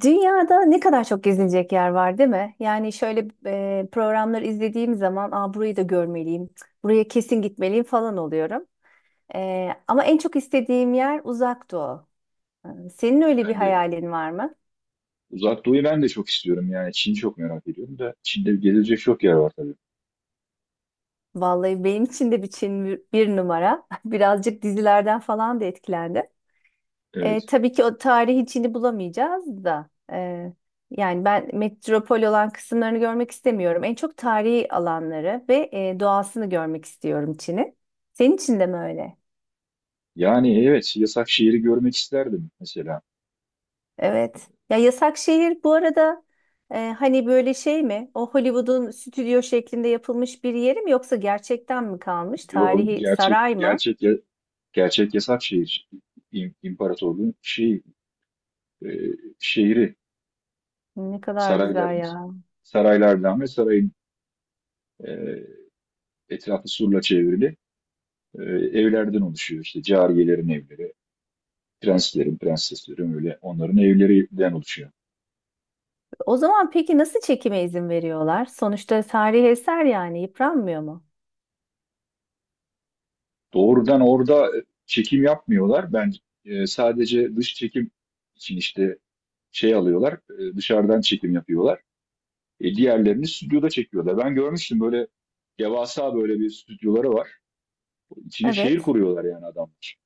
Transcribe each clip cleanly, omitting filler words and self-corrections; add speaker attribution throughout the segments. Speaker 1: Dünyada ne kadar çok gezilecek yer var, değil mi? Yani şöyle programları izlediğim zaman, aa, burayı da görmeliyim, cık, buraya kesin gitmeliyim falan oluyorum. Ama en çok istediğim yer Uzak Doğu. Senin öyle bir
Speaker 2: Ben de
Speaker 1: hayalin var mı?
Speaker 2: Uzak Doğu'yu ben de çok istiyorum, yani Çin'i çok merak ediyorum da Çin'de gezilecek çok yer var tabii.
Speaker 1: Vallahi benim için de bir Çin bir numara. Birazcık dizilerden falan da etkilendim. E,
Speaker 2: Evet.
Speaker 1: tabii ki o tarihi içini bulamayacağız da. Yani ben metropol olan kısımlarını görmek istemiyorum. En çok tarihi alanları ve doğasını görmek istiyorum Çin'in. Senin için de mi öyle?
Speaker 2: Yani evet, yasak şehri görmek isterdim mesela.
Speaker 1: Evet. Ya yasak şehir bu arada, hani böyle şey mi? O Hollywood'un stüdyo şeklinde yapılmış bir yeri mi yoksa gerçekten mi kalmış?
Speaker 2: Yo,
Speaker 1: Tarihi
Speaker 2: gerçek
Speaker 1: saray mı?
Speaker 2: gerçek gerçek yasak şehir, imparatorluğun e, şehri,
Speaker 1: Ne kadar güzel
Speaker 2: sarayların
Speaker 1: ya.
Speaker 2: saraylardan ve sarayın e, etrafı surla çevrili, e, evlerden oluşuyor. İşte cariyelerin evleri, prenslerin, prenseslerin, öyle onların evlerinden oluşuyor.
Speaker 1: O zaman peki nasıl çekime izin veriyorlar? Sonuçta tarihi eser, yani yıpranmıyor mu?
Speaker 2: Doğrudan orada çekim yapmıyorlar. Ben sadece dış çekim için, işte şey alıyorlar, dışarıdan çekim yapıyorlar. Diğerlerini stüdyoda çekiyorlar. Ben görmüştüm, böyle devasa böyle bir stüdyoları var. İçine şehir
Speaker 1: Evet.
Speaker 2: kuruyorlar yani adamlar.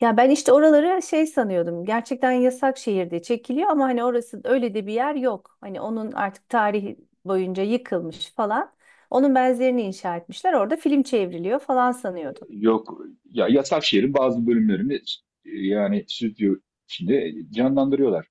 Speaker 1: Ya ben işte oraları şey sanıyordum. Gerçekten yasak şehirde çekiliyor ama hani orası öyle de bir yer yok. Hani onun artık tarihi boyunca yıkılmış falan. Onun benzerini inşa etmişler. Orada film çevriliyor falan sanıyordum.
Speaker 2: Yok ya, yasak şehrin bazı bölümlerini yani stüdyo içinde canlandırıyorlar.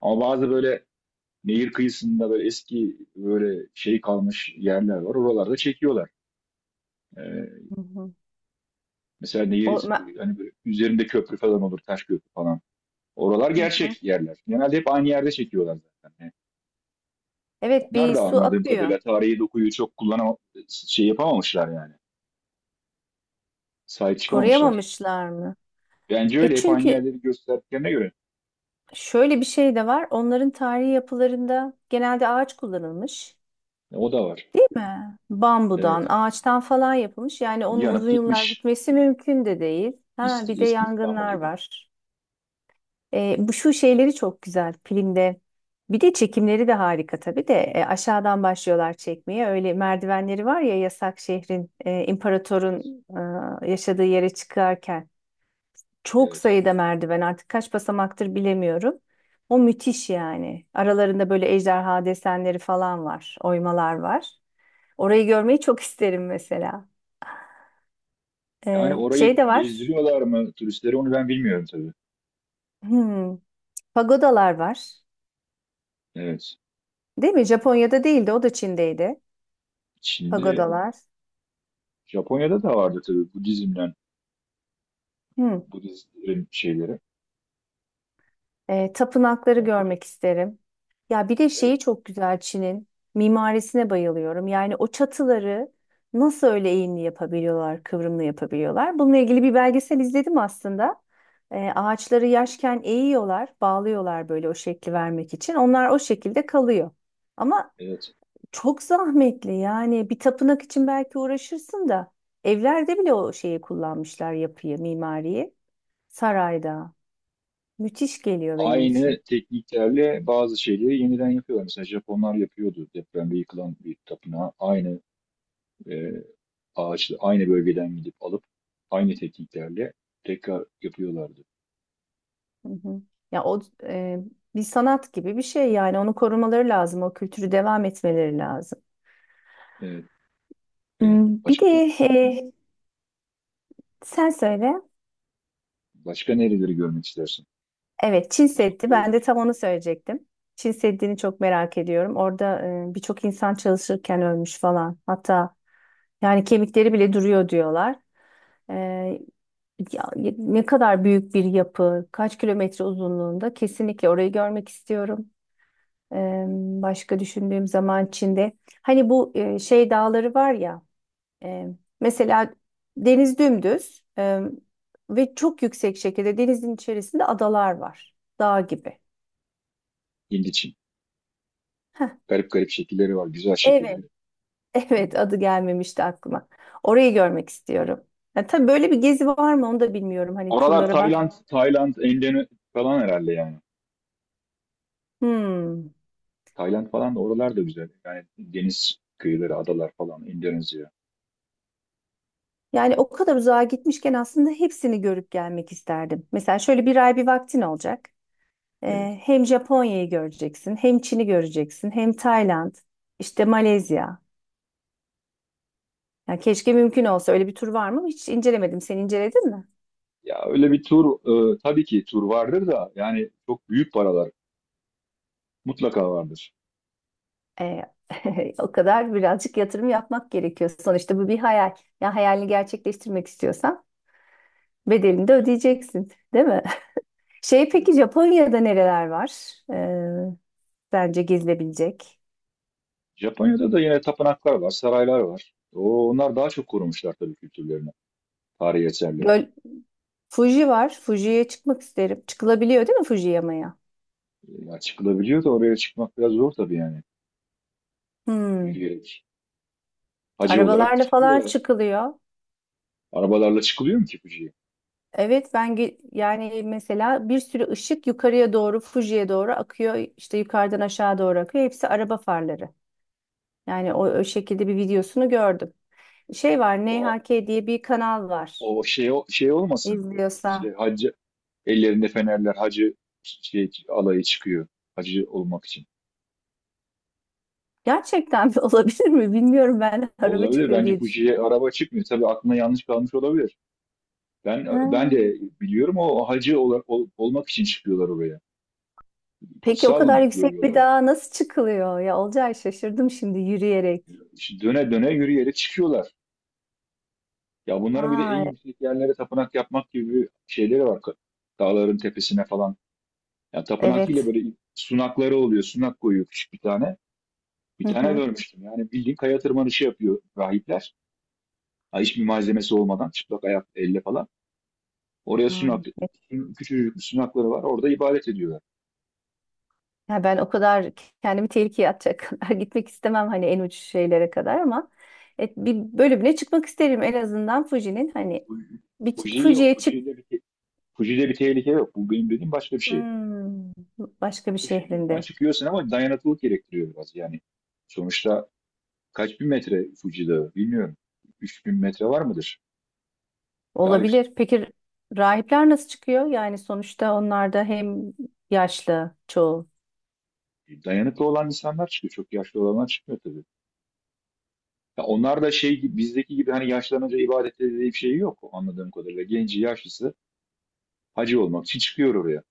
Speaker 2: Ama bazı böyle nehir kıyısında, böyle eski böyle şey kalmış yerler var. Oralarda çekiyorlar. E,
Speaker 1: Hı hı.
Speaker 2: Mesela nehir,
Speaker 1: O, ma-
Speaker 2: hani üzerinde köprü falan olur, taş köprü falan. Oralar
Speaker 1: hı hı.
Speaker 2: gerçek yerler. Genelde hep aynı yerde çekiyorlar zaten. Yani
Speaker 1: Evet,
Speaker 2: onlar
Speaker 1: bir
Speaker 2: da
Speaker 1: su
Speaker 2: anladığım
Speaker 1: akıyor.
Speaker 2: kadarıyla tarihi dokuyu çok şey yapamamışlar yani. Sahip çıkamamışlar.
Speaker 1: Koruyamamışlar mı?
Speaker 2: Bence
Speaker 1: E,
Speaker 2: öyle, hep aynı
Speaker 1: çünkü
Speaker 2: yerleri gösterdiklerine göre.
Speaker 1: şöyle bir şey de var. Onların tarihi yapılarında genelde ağaç kullanılmış.
Speaker 2: O da var.
Speaker 1: Değil mi? Bambudan,
Speaker 2: Evet.
Speaker 1: ağaçtan falan yapılmış. Yani onun
Speaker 2: Yanıp
Speaker 1: uzun yıllar
Speaker 2: gitmiş.
Speaker 1: gitmesi mümkün de değil. Ha, bir
Speaker 2: Eski,
Speaker 1: de
Speaker 2: eski İstanbul
Speaker 1: yangınlar
Speaker 2: gibi.
Speaker 1: var. Bu şu şeyleri çok güzel filmde. Bir de çekimleri de harika tabii de. Aşağıdan başlıyorlar çekmeye. Öyle merdivenleri var ya yasak şehrin,
Speaker 2: Evet.
Speaker 1: imparatorun yaşadığı yere çıkarken. Çok
Speaker 2: Evet.
Speaker 1: sayıda merdiven, artık kaç basamaktır bilemiyorum. O müthiş yani. Aralarında böyle ejderha desenleri falan var, oymalar var. Orayı görmeyi çok isterim mesela.
Speaker 2: Yani
Speaker 1: Şey
Speaker 2: orayı
Speaker 1: de var.
Speaker 2: gezdiriyorlar mı turistleri, onu ben bilmiyorum tabii.
Speaker 1: Hmm, pagodalar var.
Speaker 2: Evet.
Speaker 1: Değil mi? Japonya'da değildi, o da Çin'deydi.
Speaker 2: Şimdi
Speaker 1: Pagodalar.
Speaker 2: Japonya'da da vardı tabii, Budizm'den,
Speaker 1: Hmm,
Speaker 2: Budistlerin şeyleri,
Speaker 1: tapınakları
Speaker 2: tapınakları.
Speaker 1: görmek isterim. Ya bir de
Speaker 2: Evet,
Speaker 1: şeyi çok güzel Çin'in mimarisine bayılıyorum. Yani o çatıları nasıl öyle eğimli yapabiliyorlar, kıvrımlı yapabiliyorlar. Bununla ilgili bir belgesel izledim aslında. Ağaçları yaşken eğiyorlar, bağlıyorlar böyle o şekli vermek için. Onlar o şekilde kalıyor. Ama
Speaker 2: evet.
Speaker 1: çok zahmetli, yani bir tapınak için belki uğraşırsın da evlerde bile o şeyi kullanmışlar, yapıyı, mimariyi. Sarayda. Müthiş geliyor benim
Speaker 2: Aynı
Speaker 1: için.
Speaker 2: tekniklerle bazı şeyleri yeniden yapıyorlar. Mesela Japonlar yapıyordu, depremde yıkılan bir tapınağı aynı e, ağaçlı, aynı bölgeden gidip alıp aynı tekniklerle tekrar yapıyorlardı.
Speaker 1: Hı hı. Ya o e, Bir sanat gibi bir şey, yani onu korumaları lazım, o kültürü devam etmeleri lazım.
Speaker 2: Evet, e,
Speaker 1: Hmm, bir de
Speaker 2: başka
Speaker 1: e, sen söyle.
Speaker 2: başka nereleri görmek istersin?
Speaker 1: Evet, Çin
Speaker 2: Uzak
Speaker 1: Seddi.
Speaker 2: Doğu
Speaker 1: Ben de tam
Speaker 2: dışında.
Speaker 1: onu söyleyecektim. Çin Seddi'ni çok merak ediyorum. Orada birçok insan çalışırken ölmüş falan. Hatta yani kemikleri bile duruyor diyorlar. E, Ya, ne kadar büyük bir yapı, kaç kilometre uzunluğunda, kesinlikle orayı görmek istiyorum. Eee, Başka düşündüğüm zaman Çin'de hani bu şey dağları var ya, e, mesela deniz dümdüz ve çok yüksek şekilde denizin içerisinde adalar var. Dağ gibi.
Speaker 2: Hint için. Garip garip şekilleri var, güzel
Speaker 1: Evet,
Speaker 2: şekilleri. Hmm.
Speaker 1: evet, adı gelmemişti aklıma. Orayı görmek istiyorum. Ya, tabii böyle bir gezi var mı onu da bilmiyorum. Hani
Speaker 2: Oralar
Speaker 1: turlara bak.
Speaker 2: Tayland, Tayland, Endone falan herhalde yani.
Speaker 1: Hmm.
Speaker 2: Tayland falan da, oralar da güzel. Yani deniz kıyıları, adalar falan, Endonezya.
Speaker 1: Yani o kadar uzağa gitmişken aslında hepsini görüp gelmek isterdim. Mesela şöyle bir ay bir vaktin olacak.
Speaker 2: Evet.
Speaker 1: Hem Japonya'yı göreceksin, hem Çin'i göreceksin, hem Tayland, işte Malezya. Yani keşke mümkün olsa, öyle bir tur var mı? Hiç incelemedim. Sen inceledin mi?
Speaker 2: Ya öyle bir tur, tabii ki tur vardır da yani çok büyük paralar mutlaka vardır.
Speaker 1: Ee, O kadar birazcık yatırım yapmak gerekiyor. Sonuçta bu bir hayal. Ya hayalini gerçekleştirmek istiyorsan bedelini de ödeyeceksin, değil mi? Şey, peki
Speaker 2: Evet.
Speaker 1: Japonya'da nereler var? Bence gezilebilecek.
Speaker 2: Japonya'da da yine tapınaklar var, saraylar var. O, onlar daha çok korumuşlar tabii kültürlerini, tarihi eserleri.
Speaker 1: Göl, Fuji var. Fuji'ye çıkmak isterim. Çıkılabiliyor değil mi Fuji yamaya?
Speaker 2: Ya çıkılabiliyor da, oraya çıkmak biraz zor tabii yani.
Speaker 1: Hmm.
Speaker 2: Yürüyerek. Hacı olarak
Speaker 1: Arabalarla falan
Speaker 2: çıkıyorlar.
Speaker 1: çıkılıyor.
Speaker 2: Arabalarla çıkılıyor mu ki Fuji'ye?
Speaker 1: Evet, yani mesela bir sürü ışık yukarıya doğru Fuji'ye doğru akıyor. İşte yukarıdan aşağı doğru akıyor. Hepsi araba farları. Yani o şekilde bir videosunu gördüm. Şey var,
Speaker 2: O,
Speaker 1: NHK diye bir kanal var.
Speaker 2: o şey olmasın.
Speaker 1: İzliyorsa.
Speaker 2: İşte hacı, ellerinde fenerler, hacı şey, alayı çıkıyor. Hacı olmak için.
Speaker 1: Gerçekten mi olabilir mi? Bilmiyorum, ben araba
Speaker 2: Olabilir.
Speaker 1: çıkıyor
Speaker 2: Bence
Speaker 1: diye
Speaker 2: Fuji'ye
Speaker 1: düşündüm.
Speaker 2: araba çıkmıyor. Tabii aklına yanlış kalmış olabilir. Ben
Speaker 1: Ha.
Speaker 2: ben de biliyorum, o hacı olarak olmak için çıkıyorlar oraya.
Speaker 1: Peki o
Speaker 2: Kutsal
Speaker 1: kadar yüksek bir
Speaker 2: görüyorlar.
Speaker 1: dağa nasıl çıkılıyor? Ya Olcay, şaşırdım şimdi, yürüyerek.
Speaker 2: İşte döne döne yürüyerek çıkıyorlar. Ya bunların bir de en
Speaker 1: Vay,
Speaker 2: yüksek yerlere tapınak yapmak gibi şeyleri var. Dağların tepesine falan. Ya tapınak değil de
Speaker 1: evet.
Speaker 2: böyle sunakları oluyor. Sunak koyuyor, küçük bir tane. Bir
Speaker 1: Hı
Speaker 2: tane
Speaker 1: hı.
Speaker 2: görmüştüm. Yani bildiğin kaya tırmanışı yapıyor rahipler. Ha, hiçbir malzemesi olmadan, çıplak ayak, elle falan. Oraya sunak,
Speaker 1: Vay. Evet.
Speaker 2: küçücük bir sunakları var. Orada ibadet ediyor.
Speaker 1: Ya ben o kadar kendimi tehlikeye atacak kadar gitmek istemem, hani en uç şeylere kadar, ama bir bölümüne çıkmak isterim en azından Fuji'nin, hani bir ç-
Speaker 2: Fuji yok.
Speaker 1: Fuji'ye çık
Speaker 2: Fuji'de bir tehlike yok. Bu benim dediğim başka bir şey.
Speaker 1: Hmm, başka bir
Speaker 2: Fuji'nin
Speaker 1: şehrinde
Speaker 2: çıkıyorsun ama dayanıklılık gerektiriyor biraz. Yani sonuçta kaç bin metre Fuji Dağı bilmiyorum. 3000 metre var mıdır? Daha yüksek.
Speaker 1: olabilir. Peki rahipler nasıl çıkıyor? Yani sonuçta onlar da hem yaşlı çoğu.
Speaker 2: Dayanıklı olan insanlar çıkıyor. Çok yaşlı olanlar çıkmıyor tabii. Ya onlar da şey gibi, bizdeki gibi hani yaşlanınca ibadette dediği bir şey yok anladığım kadarıyla. Genci yaşlısı hacı olmak için çıkıyor oraya.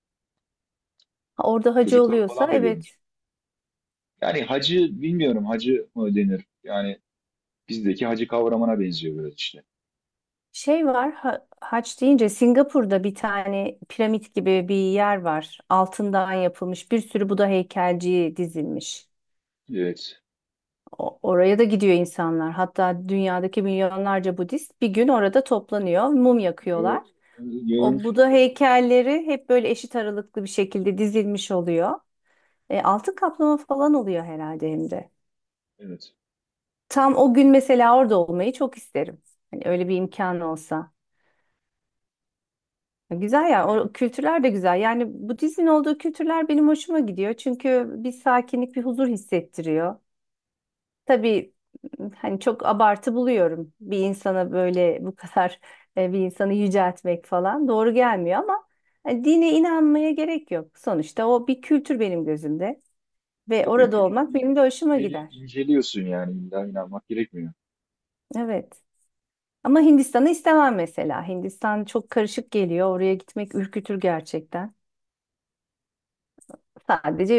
Speaker 1: Ha, orada hacı
Speaker 2: Çocuklar
Speaker 1: oluyorsa
Speaker 2: falan da görmüş.
Speaker 1: evet.
Speaker 2: Yani hacı bilmiyorum, hacı mı denir? Yani bizdeki hacı kavramına benziyor biraz işte.
Speaker 1: Haç deyince Singapur'da bir tane piramit gibi bir yer var. Altından yapılmış bir sürü Buda heykelci dizilmiş.
Speaker 2: Evet.
Speaker 1: Oraya da gidiyor insanlar. Hatta dünyadaki milyonlarca Budist bir gün orada toplanıyor, mum
Speaker 2: Gör,
Speaker 1: yakıyorlar. O Buda
Speaker 2: görmüştüm.
Speaker 1: heykelleri hep böyle eşit aralıklı bir şekilde dizilmiş oluyor. Altın kaplama falan oluyor herhalde hem de.
Speaker 2: Evet.
Speaker 1: Tam o gün mesela orada olmayı çok isterim. Hani öyle bir imkan olsa. Güzel ya,
Speaker 2: Yani
Speaker 1: o kültürler de güzel. Yani Budizmin olduğu kültürler benim hoşuma gidiyor. Çünkü bir sakinlik, bir huzur hissettiriyor. Tabii hani çok abartı buluyorum, bir insana böyle bu kadar, bir insanı yüceltmek falan doğru gelmiyor, ama hani dine inanmaya gerek yok. Sonuçta o bir kültür benim gözümde ve
Speaker 2: tabii
Speaker 1: orada
Speaker 2: kültürü
Speaker 1: olmak benim de hoşuma gider.
Speaker 2: inceliyorsun, yani illa inanmak gerekmiyor.
Speaker 1: Evet. Ama Hindistan'ı istemem mesela. Hindistan çok karışık geliyor. Oraya gitmek ürkütür gerçekten.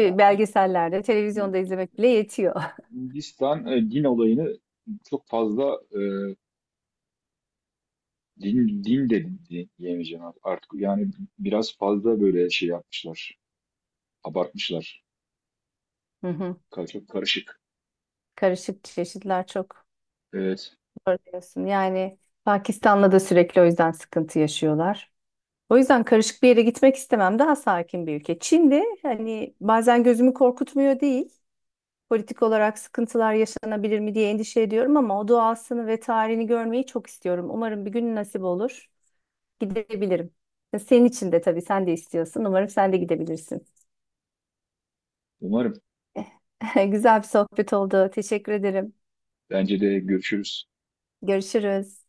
Speaker 2: Ya
Speaker 1: belgesellerde, televizyonda izlemek bile yetiyor.
Speaker 2: Hindistan din olayını çok fazla, din diyemeyeceğim artık. Yani biraz fazla böyle şey yapmışlar. Abartmışlar.
Speaker 1: Hı hı.
Speaker 2: Çok karışık.
Speaker 1: Karışık, çeşitler çok.
Speaker 2: Evet.
Speaker 1: Doğru diyorsun. Yani Pakistan'la da sürekli o yüzden sıkıntı yaşıyorlar. O yüzden karışık bir yere gitmek istemem. Daha sakin bir ülke. Çin de hani bazen gözümü korkutmuyor değil. Politik olarak sıkıntılar yaşanabilir mi diye endişe ediyorum, ama o doğasını ve tarihini görmeyi çok istiyorum. Umarım bir gün nasip olur. Gidebilirim. Senin için de, tabii sen de istiyorsun. Umarım sen de gidebilirsin.
Speaker 2: Umarım.
Speaker 1: Güzel bir sohbet oldu. Teşekkür ederim.
Speaker 2: Bence de, görüşürüz.
Speaker 1: Görüşürüz.